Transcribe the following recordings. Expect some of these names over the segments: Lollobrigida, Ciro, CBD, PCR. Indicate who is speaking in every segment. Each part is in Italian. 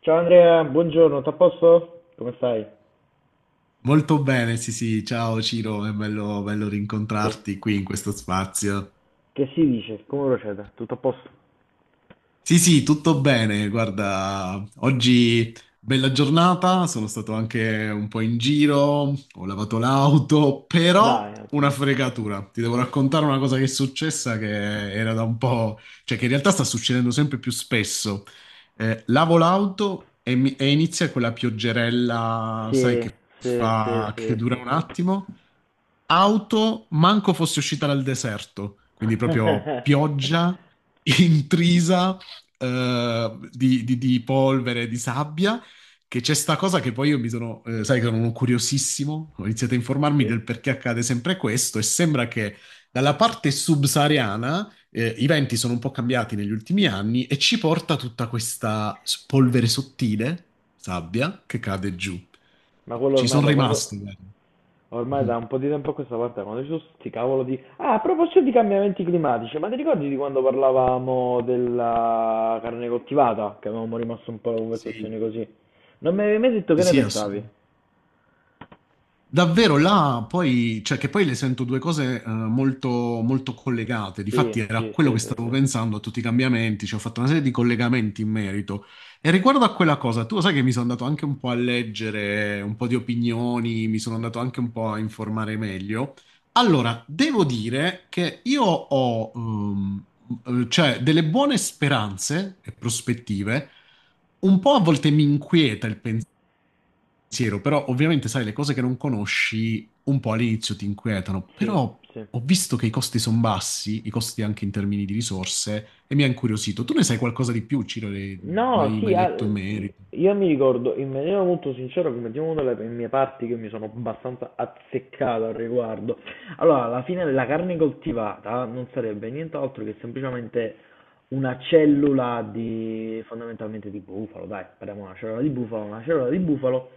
Speaker 1: Ciao Andrea, buongiorno, tutto a posto? Come stai?
Speaker 2: Molto bene, sì, sì, ciao Ciro, è bello, bello
Speaker 1: Che,
Speaker 2: rincontrarti qui in questo spazio.
Speaker 1: che si dice? Come procede? Tutto a posto?
Speaker 2: Sì, sì, tutto bene. Guarda, oggi bella giornata, sono stato anche un po' in giro, ho lavato l'auto, però
Speaker 1: Dai, un
Speaker 2: una
Speaker 1: attimo.
Speaker 2: fregatura. Ti devo raccontare una cosa che è successa che era da un po', cioè che in realtà sta succedendo sempre più spesso. Lavo l'auto e, e inizia quella pioggerella, sai,
Speaker 1: Sì, sì, sì, sì,
Speaker 2: che dura
Speaker 1: sì,
Speaker 2: un
Speaker 1: sì.
Speaker 2: attimo. Auto, manco fosse uscita dal deserto, quindi proprio pioggia intrisa di, di polvere, di sabbia, che c'è sta cosa che poi io mi sono, sai che sono curiosissimo, ho iniziato a informarmi
Speaker 1: Sì?
Speaker 2: del perché accade sempre questo e sembra che dalla parte subsahariana i venti sono un po' cambiati negli ultimi anni e ci porta tutta questa
Speaker 1: Eh,
Speaker 2: polvere sottile, sabbia, che cade giù.
Speaker 1: ma quello
Speaker 2: Ci
Speaker 1: ormai
Speaker 2: sono
Speaker 1: da quando.
Speaker 2: rimasto, guarda.
Speaker 1: Ormai
Speaker 2: Mhm.
Speaker 1: da un po' di tempo a questa parte, quando ci sono sti cavolo di. Ah, a proposito di cambiamenti climatici, ma ti ricordi di quando parlavamo della carne coltivata? Che avevamo rimasto un po' la
Speaker 2: Sì,
Speaker 1: conversazione così. Non mi avevi mai detto
Speaker 2: sì,
Speaker 1: che ne
Speaker 2: sì,
Speaker 1: pensavi?
Speaker 2: assolutamente. Davvero là poi, cioè che poi le sento due cose molto, molto collegate.
Speaker 1: Sì,
Speaker 2: Difatti era
Speaker 1: sì,
Speaker 2: quello
Speaker 1: sì,
Speaker 2: che
Speaker 1: sì,
Speaker 2: stavo
Speaker 1: sì.
Speaker 2: pensando a tutti i cambiamenti, cioè ho fatto una serie di collegamenti in merito. E riguardo a quella cosa, tu lo sai che mi sono andato anche un po' a leggere un po' di opinioni, mi sono andato anche un po' a informare meglio. Allora, devo dire che io ho cioè, delle buone speranze e prospettive. Un po' a volte mi inquieta il pensiero, però ovviamente sai, le cose che non conosci un po' all'inizio ti inquietano,
Speaker 1: Sì,
Speaker 2: però
Speaker 1: sì.
Speaker 2: ho visto che i costi sono bassi, i costi anche in termini di risorse, e mi ha incuriosito. Tu ne sai qualcosa di più, Ciro?
Speaker 1: No,
Speaker 2: Mai,
Speaker 1: sì,
Speaker 2: mai
Speaker 1: ah,
Speaker 2: letto in merito?
Speaker 1: io mi ricordo in maniera molto sincera, come diciamo, una delle mie parti che mi sono abbastanza azzeccato al riguardo. Allora, alla fine la carne coltivata non sarebbe nient'altro che semplicemente una cellula di, fondamentalmente di bufalo, dai, parliamo di una cellula di bufalo, una cellula di bufalo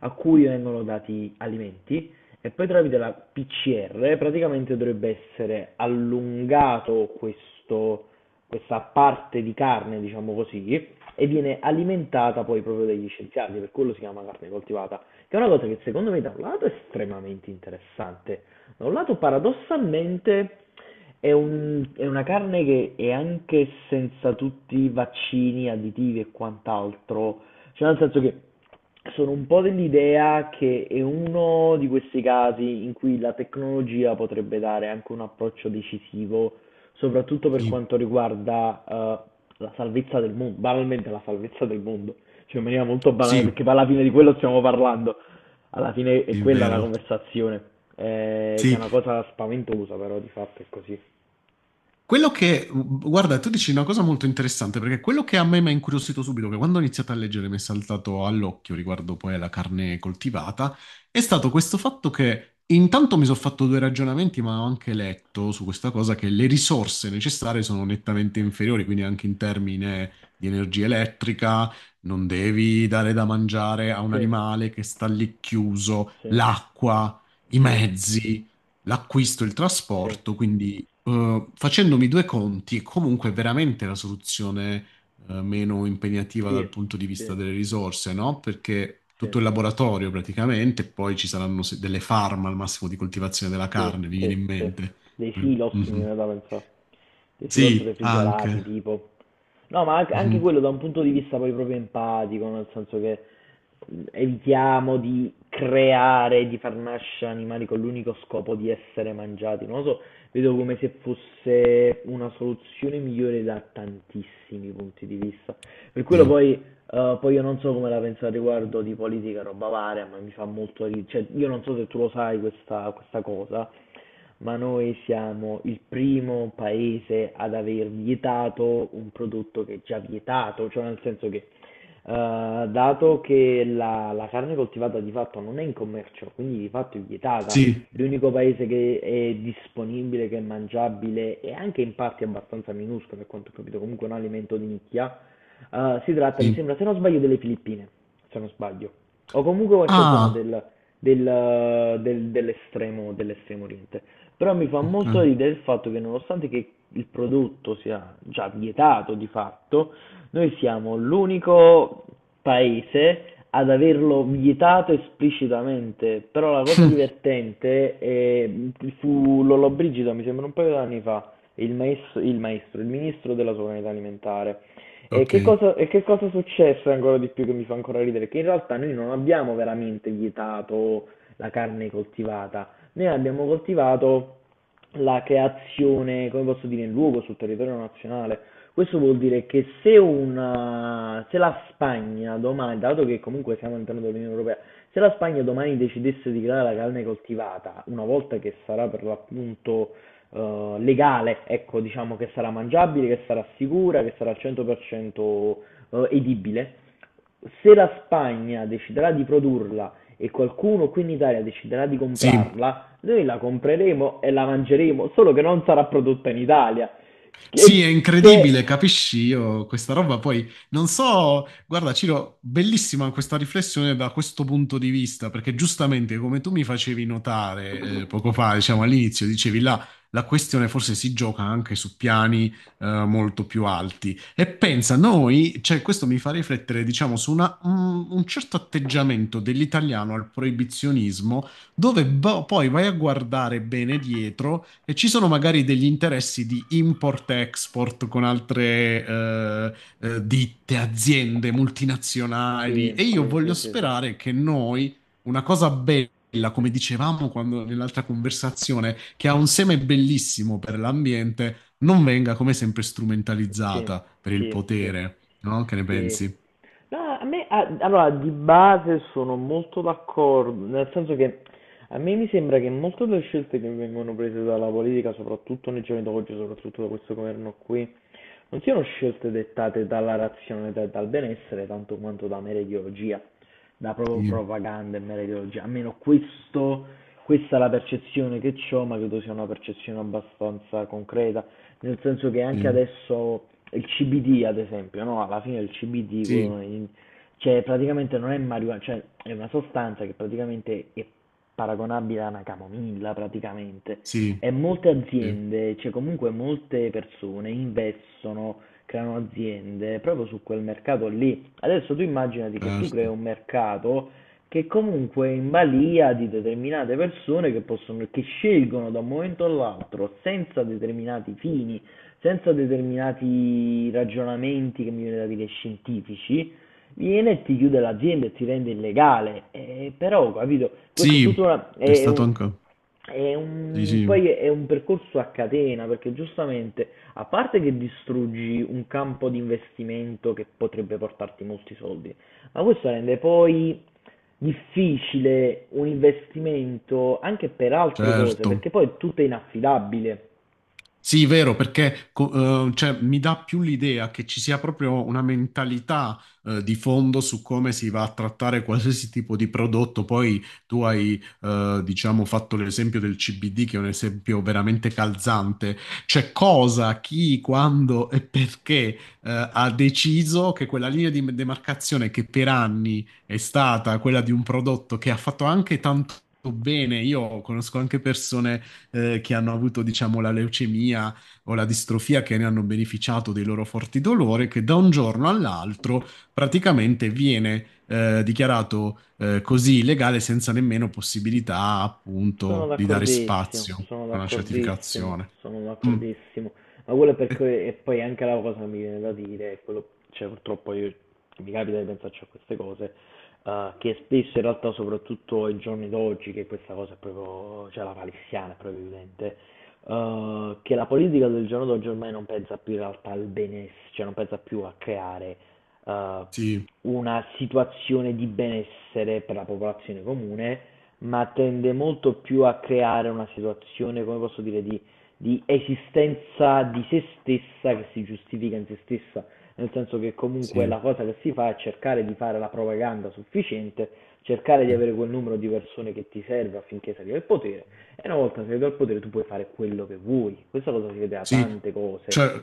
Speaker 1: a cui vengono dati alimenti e poi tramite la PCR praticamente dovrebbe essere allungato questo questa parte di carne, diciamo così, e viene alimentata poi proprio dagli scienziati, per quello si chiama carne coltivata, che è una cosa che secondo me da un lato è estremamente interessante, da un lato paradossalmente è una carne che è anche senza tutti i vaccini, additivi e quant'altro, cioè nel senso che sono un po' dell'idea che è uno di questi casi in cui la tecnologia potrebbe dare anche un approccio decisivo, soprattutto per
Speaker 2: Sì,
Speaker 1: quanto riguarda la salvezza del mondo, banalmente la salvezza del mondo, cioè in maniera molto banale,
Speaker 2: sì,
Speaker 1: perché poi alla fine di quello stiamo parlando, alla fine è
Speaker 2: sì, è
Speaker 1: quella la
Speaker 2: vero.
Speaker 1: conversazione, che è
Speaker 2: Sì,
Speaker 1: una cosa spaventosa, però di fatto è così.
Speaker 2: quello che, guarda, tu dici una cosa molto interessante, perché quello che a me mi ha incuriosito subito, che quando ho iniziato a leggere mi è saltato all'occhio riguardo poi alla carne coltivata, è stato questo fatto che intanto mi sono fatto due ragionamenti, ma ho anche letto su questa cosa che le risorse necessarie sono nettamente inferiori, quindi anche in termini di energia elettrica, non devi dare da mangiare a un
Speaker 1: Sì,
Speaker 2: animale che sta lì chiuso,
Speaker 1: sì,
Speaker 2: l'acqua, i
Speaker 1: sì,
Speaker 2: mezzi l'acquisto, il
Speaker 1: sì,
Speaker 2: trasporto, quindi facendomi due conti è comunque veramente la soluzione meno impegnativa
Speaker 1: sì,
Speaker 2: dal punto di vista
Speaker 1: sì,
Speaker 2: delle risorse, no? Perché
Speaker 1: sì.
Speaker 2: tutto il laboratorio praticamente, poi ci saranno delle farm al massimo di coltivazione della
Speaker 1: Sì,
Speaker 2: carne, vi viene
Speaker 1: sì,
Speaker 2: in
Speaker 1: sì.
Speaker 2: mente?
Speaker 1: Dei silos mi
Speaker 2: Mhm.
Speaker 1: viene da pensare. Dei silos
Speaker 2: Sì,
Speaker 1: refrigerati,
Speaker 2: anche.
Speaker 1: tipo. No, ma anche
Speaker 2: Mhm.
Speaker 1: quello da un punto di vista poi proprio empatico, nel senso che evitiamo di creare, di far nascere animali con l'unico scopo di essere mangiati. Non lo so, vedo come se fosse una soluzione migliore da tantissimi punti di vista. Per quello
Speaker 2: Sì,
Speaker 1: poi, poi io non so come la penso al riguardo di politica, roba varia, ma mi fa molto ridere. Cioè, io non so se tu lo sai questa cosa, ma noi siamo il primo paese ad aver vietato un prodotto che è già vietato, cioè nel senso che dato che la carne coltivata di fatto non è in commercio, quindi di fatto è vietata,
Speaker 2: sì,
Speaker 1: l'unico paese che è disponibile, che è mangiabile e anche in parti abbastanza minuscole, per quanto ho capito, comunque un alimento di nicchia, si tratta, mi
Speaker 2: sì.
Speaker 1: sembra, se non sbaglio, delle Filippine, se non sbaglio, o comunque qualche zona
Speaker 2: Ah,
Speaker 1: dell'estremo oriente. Però mi fa molto
Speaker 2: ok.
Speaker 1: ridere il fatto che nonostante che il prodotto sia già vietato di fatto, noi siamo l'unico paese ad averlo vietato esplicitamente. Però la cosa divertente è, fu Lollobrigida, mi sembra un paio di anni fa, il maestro, il ministro della sovranità alimentare,
Speaker 2: Ok,
Speaker 1: e che cosa è successo ancora di più che mi fa ancora ridere? Che in realtà noi non abbiamo veramente vietato la carne coltivata, noi abbiamo coltivato la creazione, come posso dire, in luogo sul territorio nazionale. Questo vuol dire che se la Spagna domani, dato che comunque siamo all'interno dell'Unione Europea, se la Spagna domani decidesse di creare la carne coltivata, una volta che sarà per l'appunto legale, ecco, diciamo che sarà mangiabile, che sarà sicura, che sarà al 100% edibile. Se la Spagna deciderà di produrla e qualcuno qui in Italia deciderà di
Speaker 2: sì.
Speaker 1: comprarla, noi la compreremo e la mangeremo, solo che non sarà prodotta in Italia.
Speaker 2: Sì, è
Speaker 1: Che.
Speaker 2: incredibile, capisci io questa roba. Poi non so, guarda, Ciro, bellissima questa riflessione da questo punto di vista, perché giustamente come tu mi facevi notare poco fa, diciamo all'inizio, dicevi là, la questione forse si gioca anche su piani molto più alti. E
Speaker 1: Sì,
Speaker 2: pensa, noi, cioè questo mi fa riflettere, diciamo, su un certo atteggiamento dell'italiano al proibizionismo dove poi vai a guardare bene dietro e ci sono magari degli interessi di import-export con altre ditte, aziende multinazionali e
Speaker 1: sì,
Speaker 2: io
Speaker 1: sì,
Speaker 2: voglio
Speaker 1: sì, sì,
Speaker 2: sperare che noi, una cosa bella, come dicevamo quando, nell'altra conversazione, che ha un seme bellissimo per l'ambiente, non venga come sempre
Speaker 1: sì,
Speaker 2: strumentalizzata per il
Speaker 1: sì, sì.
Speaker 2: potere, no? Che ne
Speaker 1: Sì.
Speaker 2: pensi?
Speaker 1: No, a me, allora, di base sono molto d'accordo, nel senso che a me mi sembra che molte delle scelte che vengono prese dalla politica, soprattutto nei giorni d'oggi, soprattutto da questo governo qui, non siano scelte dettate dalla razionalità e dal benessere, tanto quanto da mera ideologia, da proprio
Speaker 2: Sì,
Speaker 1: propaganda e mera ideologia. Almeno questa è la percezione che ho, ma credo sia una percezione abbastanza concreta, nel senso che anche
Speaker 2: sì,
Speaker 1: adesso il CBD, ad esempio, no? Alla fine il CBD,
Speaker 2: sì,
Speaker 1: cioè praticamente non è marijuana, cioè è una sostanza che praticamente è paragonabile a una camomilla praticamente.
Speaker 2: sì,
Speaker 1: E molte
Speaker 2: sì,
Speaker 1: aziende, cioè comunque molte persone investono, creano aziende proprio su quel mercato lì. Adesso tu immaginati che tu crei
Speaker 2: certo.
Speaker 1: un mercato che comunque è in balia di determinate persone che possono, che scelgono da un momento all'altro senza determinati fini, senza determinati ragionamenti che mi viene da dire scientifici, viene e ti chiude l'azienda e ti rende illegale. Però, capito, questo è tutto
Speaker 2: Sì,
Speaker 1: una,
Speaker 2: è stato anche.
Speaker 1: è
Speaker 2: Sì,
Speaker 1: un-
Speaker 2: sì,
Speaker 1: poi è un percorso a catena, perché giustamente, a parte che distruggi un campo di investimento che potrebbe portarti molti soldi, ma questo rende poi difficile un investimento anche per altre cose,
Speaker 2: certo.
Speaker 1: perché poi tutto è inaffidabile.
Speaker 2: Sì, vero, perché cioè, mi dà più l'idea che ci sia proprio una mentalità di fondo su come si va a trattare qualsiasi tipo di prodotto. Poi tu hai, diciamo, fatto l'esempio del CBD, che è un esempio veramente calzante. Cioè, cosa, chi, quando e perché ha deciso che quella linea di demarcazione che per anni è stata quella di un prodotto che ha fatto anche tanto bene. Io conosco anche persone che hanno avuto, diciamo, la leucemia o la distrofia, che ne hanno beneficiato dei loro forti dolori, che da un giorno all'altro praticamente viene dichiarato così illegale senza nemmeno possibilità,
Speaker 1: Sono
Speaker 2: appunto, di dare
Speaker 1: d'accordissimo,
Speaker 2: spazio
Speaker 1: sono
Speaker 2: a una
Speaker 1: d'accordissimo,
Speaker 2: certificazione.
Speaker 1: sono
Speaker 2: Mm.
Speaker 1: d'accordissimo. Ma quello è
Speaker 2: Eh,
Speaker 1: perché, e poi anche la cosa che mi viene da dire, è quello, cioè purtroppo io, mi capita di pensarci a queste cose, che spesso in realtà, soprattutto ai giorni d'oggi, che questa cosa è proprio, cioè la palissiana è proprio evidente, che la politica del giorno d'oggi ormai non pensa più in realtà al benessere, cioè non pensa più a creare eh,
Speaker 2: sì,
Speaker 1: una situazione di benessere per la popolazione comune, ma tende molto più a creare una situazione, come posso dire, di esistenza di se stessa che si giustifica in se stessa, nel senso che comunque
Speaker 2: sì,
Speaker 1: la cosa che si fa è cercare di fare la propaganda sufficiente, cercare di
Speaker 2: sì.
Speaker 1: avere quel numero di persone che ti serve affinché salga al potere, e una volta salito al potere tu puoi fare quello che vuoi. Questa cosa si vede da
Speaker 2: Sì,
Speaker 1: tante cose.
Speaker 2: cioè,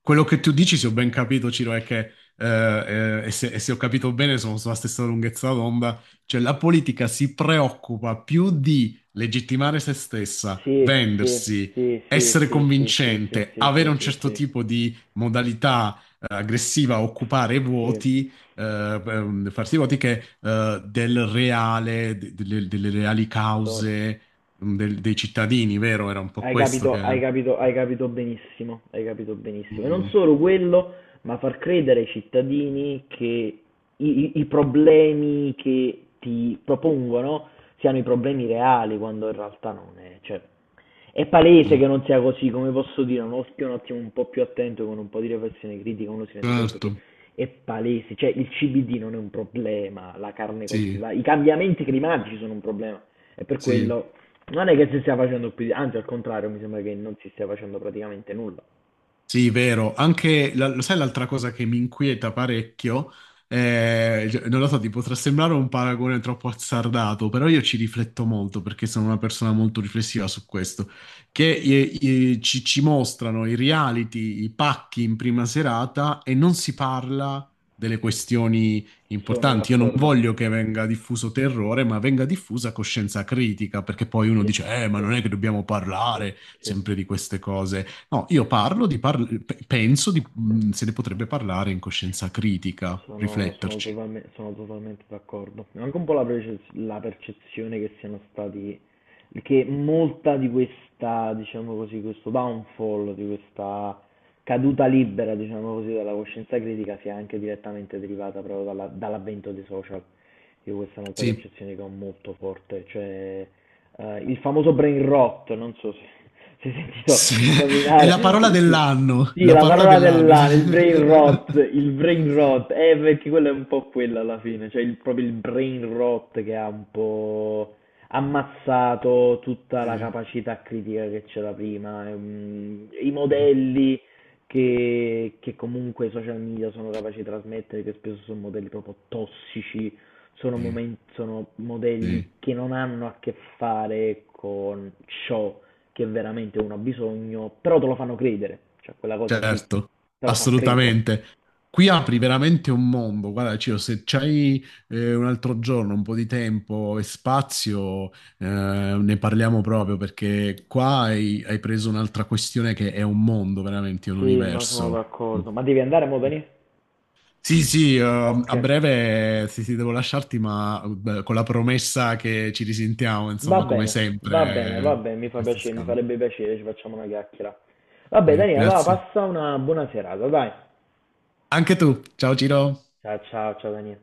Speaker 2: quello che tu dici, se ho ben capito, Ciro, è che, e se ho capito bene, sono sulla stessa lunghezza d'onda, cioè la politica si preoccupa più di legittimare se stessa,
Speaker 1: Sì, sì,
Speaker 2: vendersi,
Speaker 1: sì, sì,
Speaker 2: essere
Speaker 1: sì, sì, sì, sì, sì,
Speaker 2: convincente,
Speaker 1: sì,
Speaker 2: avere
Speaker 1: sì,
Speaker 2: un
Speaker 1: sì.
Speaker 2: certo
Speaker 1: Sì.
Speaker 2: tipo di modalità, aggressiva, occupare i
Speaker 1: Sì,
Speaker 2: voti, farsi i voti, che, del reale, delle reali
Speaker 1: so-
Speaker 2: cause, dei cittadini, vero? Era un po'
Speaker 1: hai
Speaker 2: questo
Speaker 1: capito, hai
Speaker 2: che.
Speaker 1: capito, hai capito benissimo, hai capito benissimo. E non
Speaker 2: Mm.
Speaker 1: solo quello, ma far credere ai cittadini che i problemi che ti propongono siano i problemi reali, quando in realtà non è. Cioè, è palese
Speaker 2: Sì,
Speaker 1: che non sia così, come posso dire, un occhio un attimo un po' più attento, con un po' di riflessione critica, uno si rende conto
Speaker 2: certo,
Speaker 1: che è palese, cioè il CBD non è un problema, la carne
Speaker 2: sì,
Speaker 1: coltivata, i cambiamenti climatici sono un problema. E per
Speaker 2: sì.
Speaker 1: quello non è che si stia facendo più, anzi al contrario, mi sembra che non si stia facendo praticamente nulla.
Speaker 2: Sì, vero. Anche, lo sai, l'altra cosa che mi inquieta parecchio, cioè, non lo so, ti potrà sembrare un paragone troppo azzardato, però io ci rifletto molto perché sono una persona molto riflessiva su questo, che ci mostrano i reality, i pacchi in prima serata e non si parla delle questioni
Speaker 1: Sono
Speaker 2: importanti. Io non
Speaker 1: d'accordo.
Speaker 2: voglio che venga diffuso terrore, ma venga diffusa coscienza critica, perché poi uno
Speaker 1: Sì,
Speaker 2: dice, ma
Speaker 1: sì,
Speaker 2: non è che dobbiamo
Speaker 1: sì,
Speaker 2: parlare
Speaker 1: sì.
Speaker 2: sempre di queste cose. No, io parlo di penso di, se ne potrebbe parlare in coscienza critica,
Speaker 1: Sono, sono
Speaker 2: rifletterci.
Speaker 1: totalme- sono totalmente d'accordo. È anche un po' la percezione che siano stati, che molta di questa, diciamo così, questo downfall, di questa caduta libera, diciamo così, dalla coscienza critica sia anche direttamente derivata proprio dall'avvento dei social. Io questa è un'altra
Speaker 2: Sì,
Speaker 1: percezione che ho molto forte, cioè il famoso brain rot, non so se se hai sentito
Speaker 2: sì, è la parola
Speaker 1: nominare, sì.
Speaker 2: dell'anno,
Speaker 1: Sì,
Speaker 2: la
Speaker 1: la
Speaker 2: parola
Speaker 1: parola
Speaker 2: dell'anno.
Speaker 1: dell'anno, il brain rot, il brain
Speaker 2: Sì,
Speaker 1: rot, perché quello è un po' quello alla fine, cioè proprio il brain rot che ha un po' ammazzato tutta la
Speaker 2: sì,
Speaker 1: capacità critica che c'era prima, i
Speaker 2: sì,
Speaker 1: modelli che comunque i social media sono capaci di trasmettere, che spesso sono modelli proprio tossici,
Speaker 2: sì,
Speaker 1: sono modelli
Speaker 2: sì.
Speaker 1: che non hanno a che fare con ciò che veramente uno ha bisogno, però te lo fanno credere, cioè quella cosa lì
Speaker 2: Certo,
Speaker 1: te lo fa credere.
Speaker 2: assolutamente. Qui apri veramente un mondo. Guarda, Ciro, se c'hai un altro giorno, un po' di tempo e spazio, eh, ne parliamo proprio perché qua hai, preso un'altra questione che è un mondo, veramente, è un
Speaker 1: Sì, ma sono
Speaker 2: universo. Mm.
Speaker 1: d'accordo. Ma devi andare, mo, Dani?
Speaker 2: Sì, sì,
Speaker 1: Ok.
Speaker 2: a breve sì, sì, devo lasciarti, ma con la promessa che ci risentiamo,
Speaker 1: Va
Speaker 2: insomma, come
Speaker 1: bene, va bene,
Speaker 2: sempre,
Speaker 1: va bene, mi fa
Speaker 2: questi
Speaker 1: piacere, mi
Speaker 2: scambi.
Speaker 1: farebbe piacere, ci facciamo una chiacchiera. Vabbè,
Speaker 2: Beh,
Speaker 1: Dani, allora
Speaker 2: grazie.
Speaker 1: passa una buona serata, dai.
Speaker 2: Anche tu. Ciao, Ciro.
Speaker 1: Ciao ciao ciao Daniele.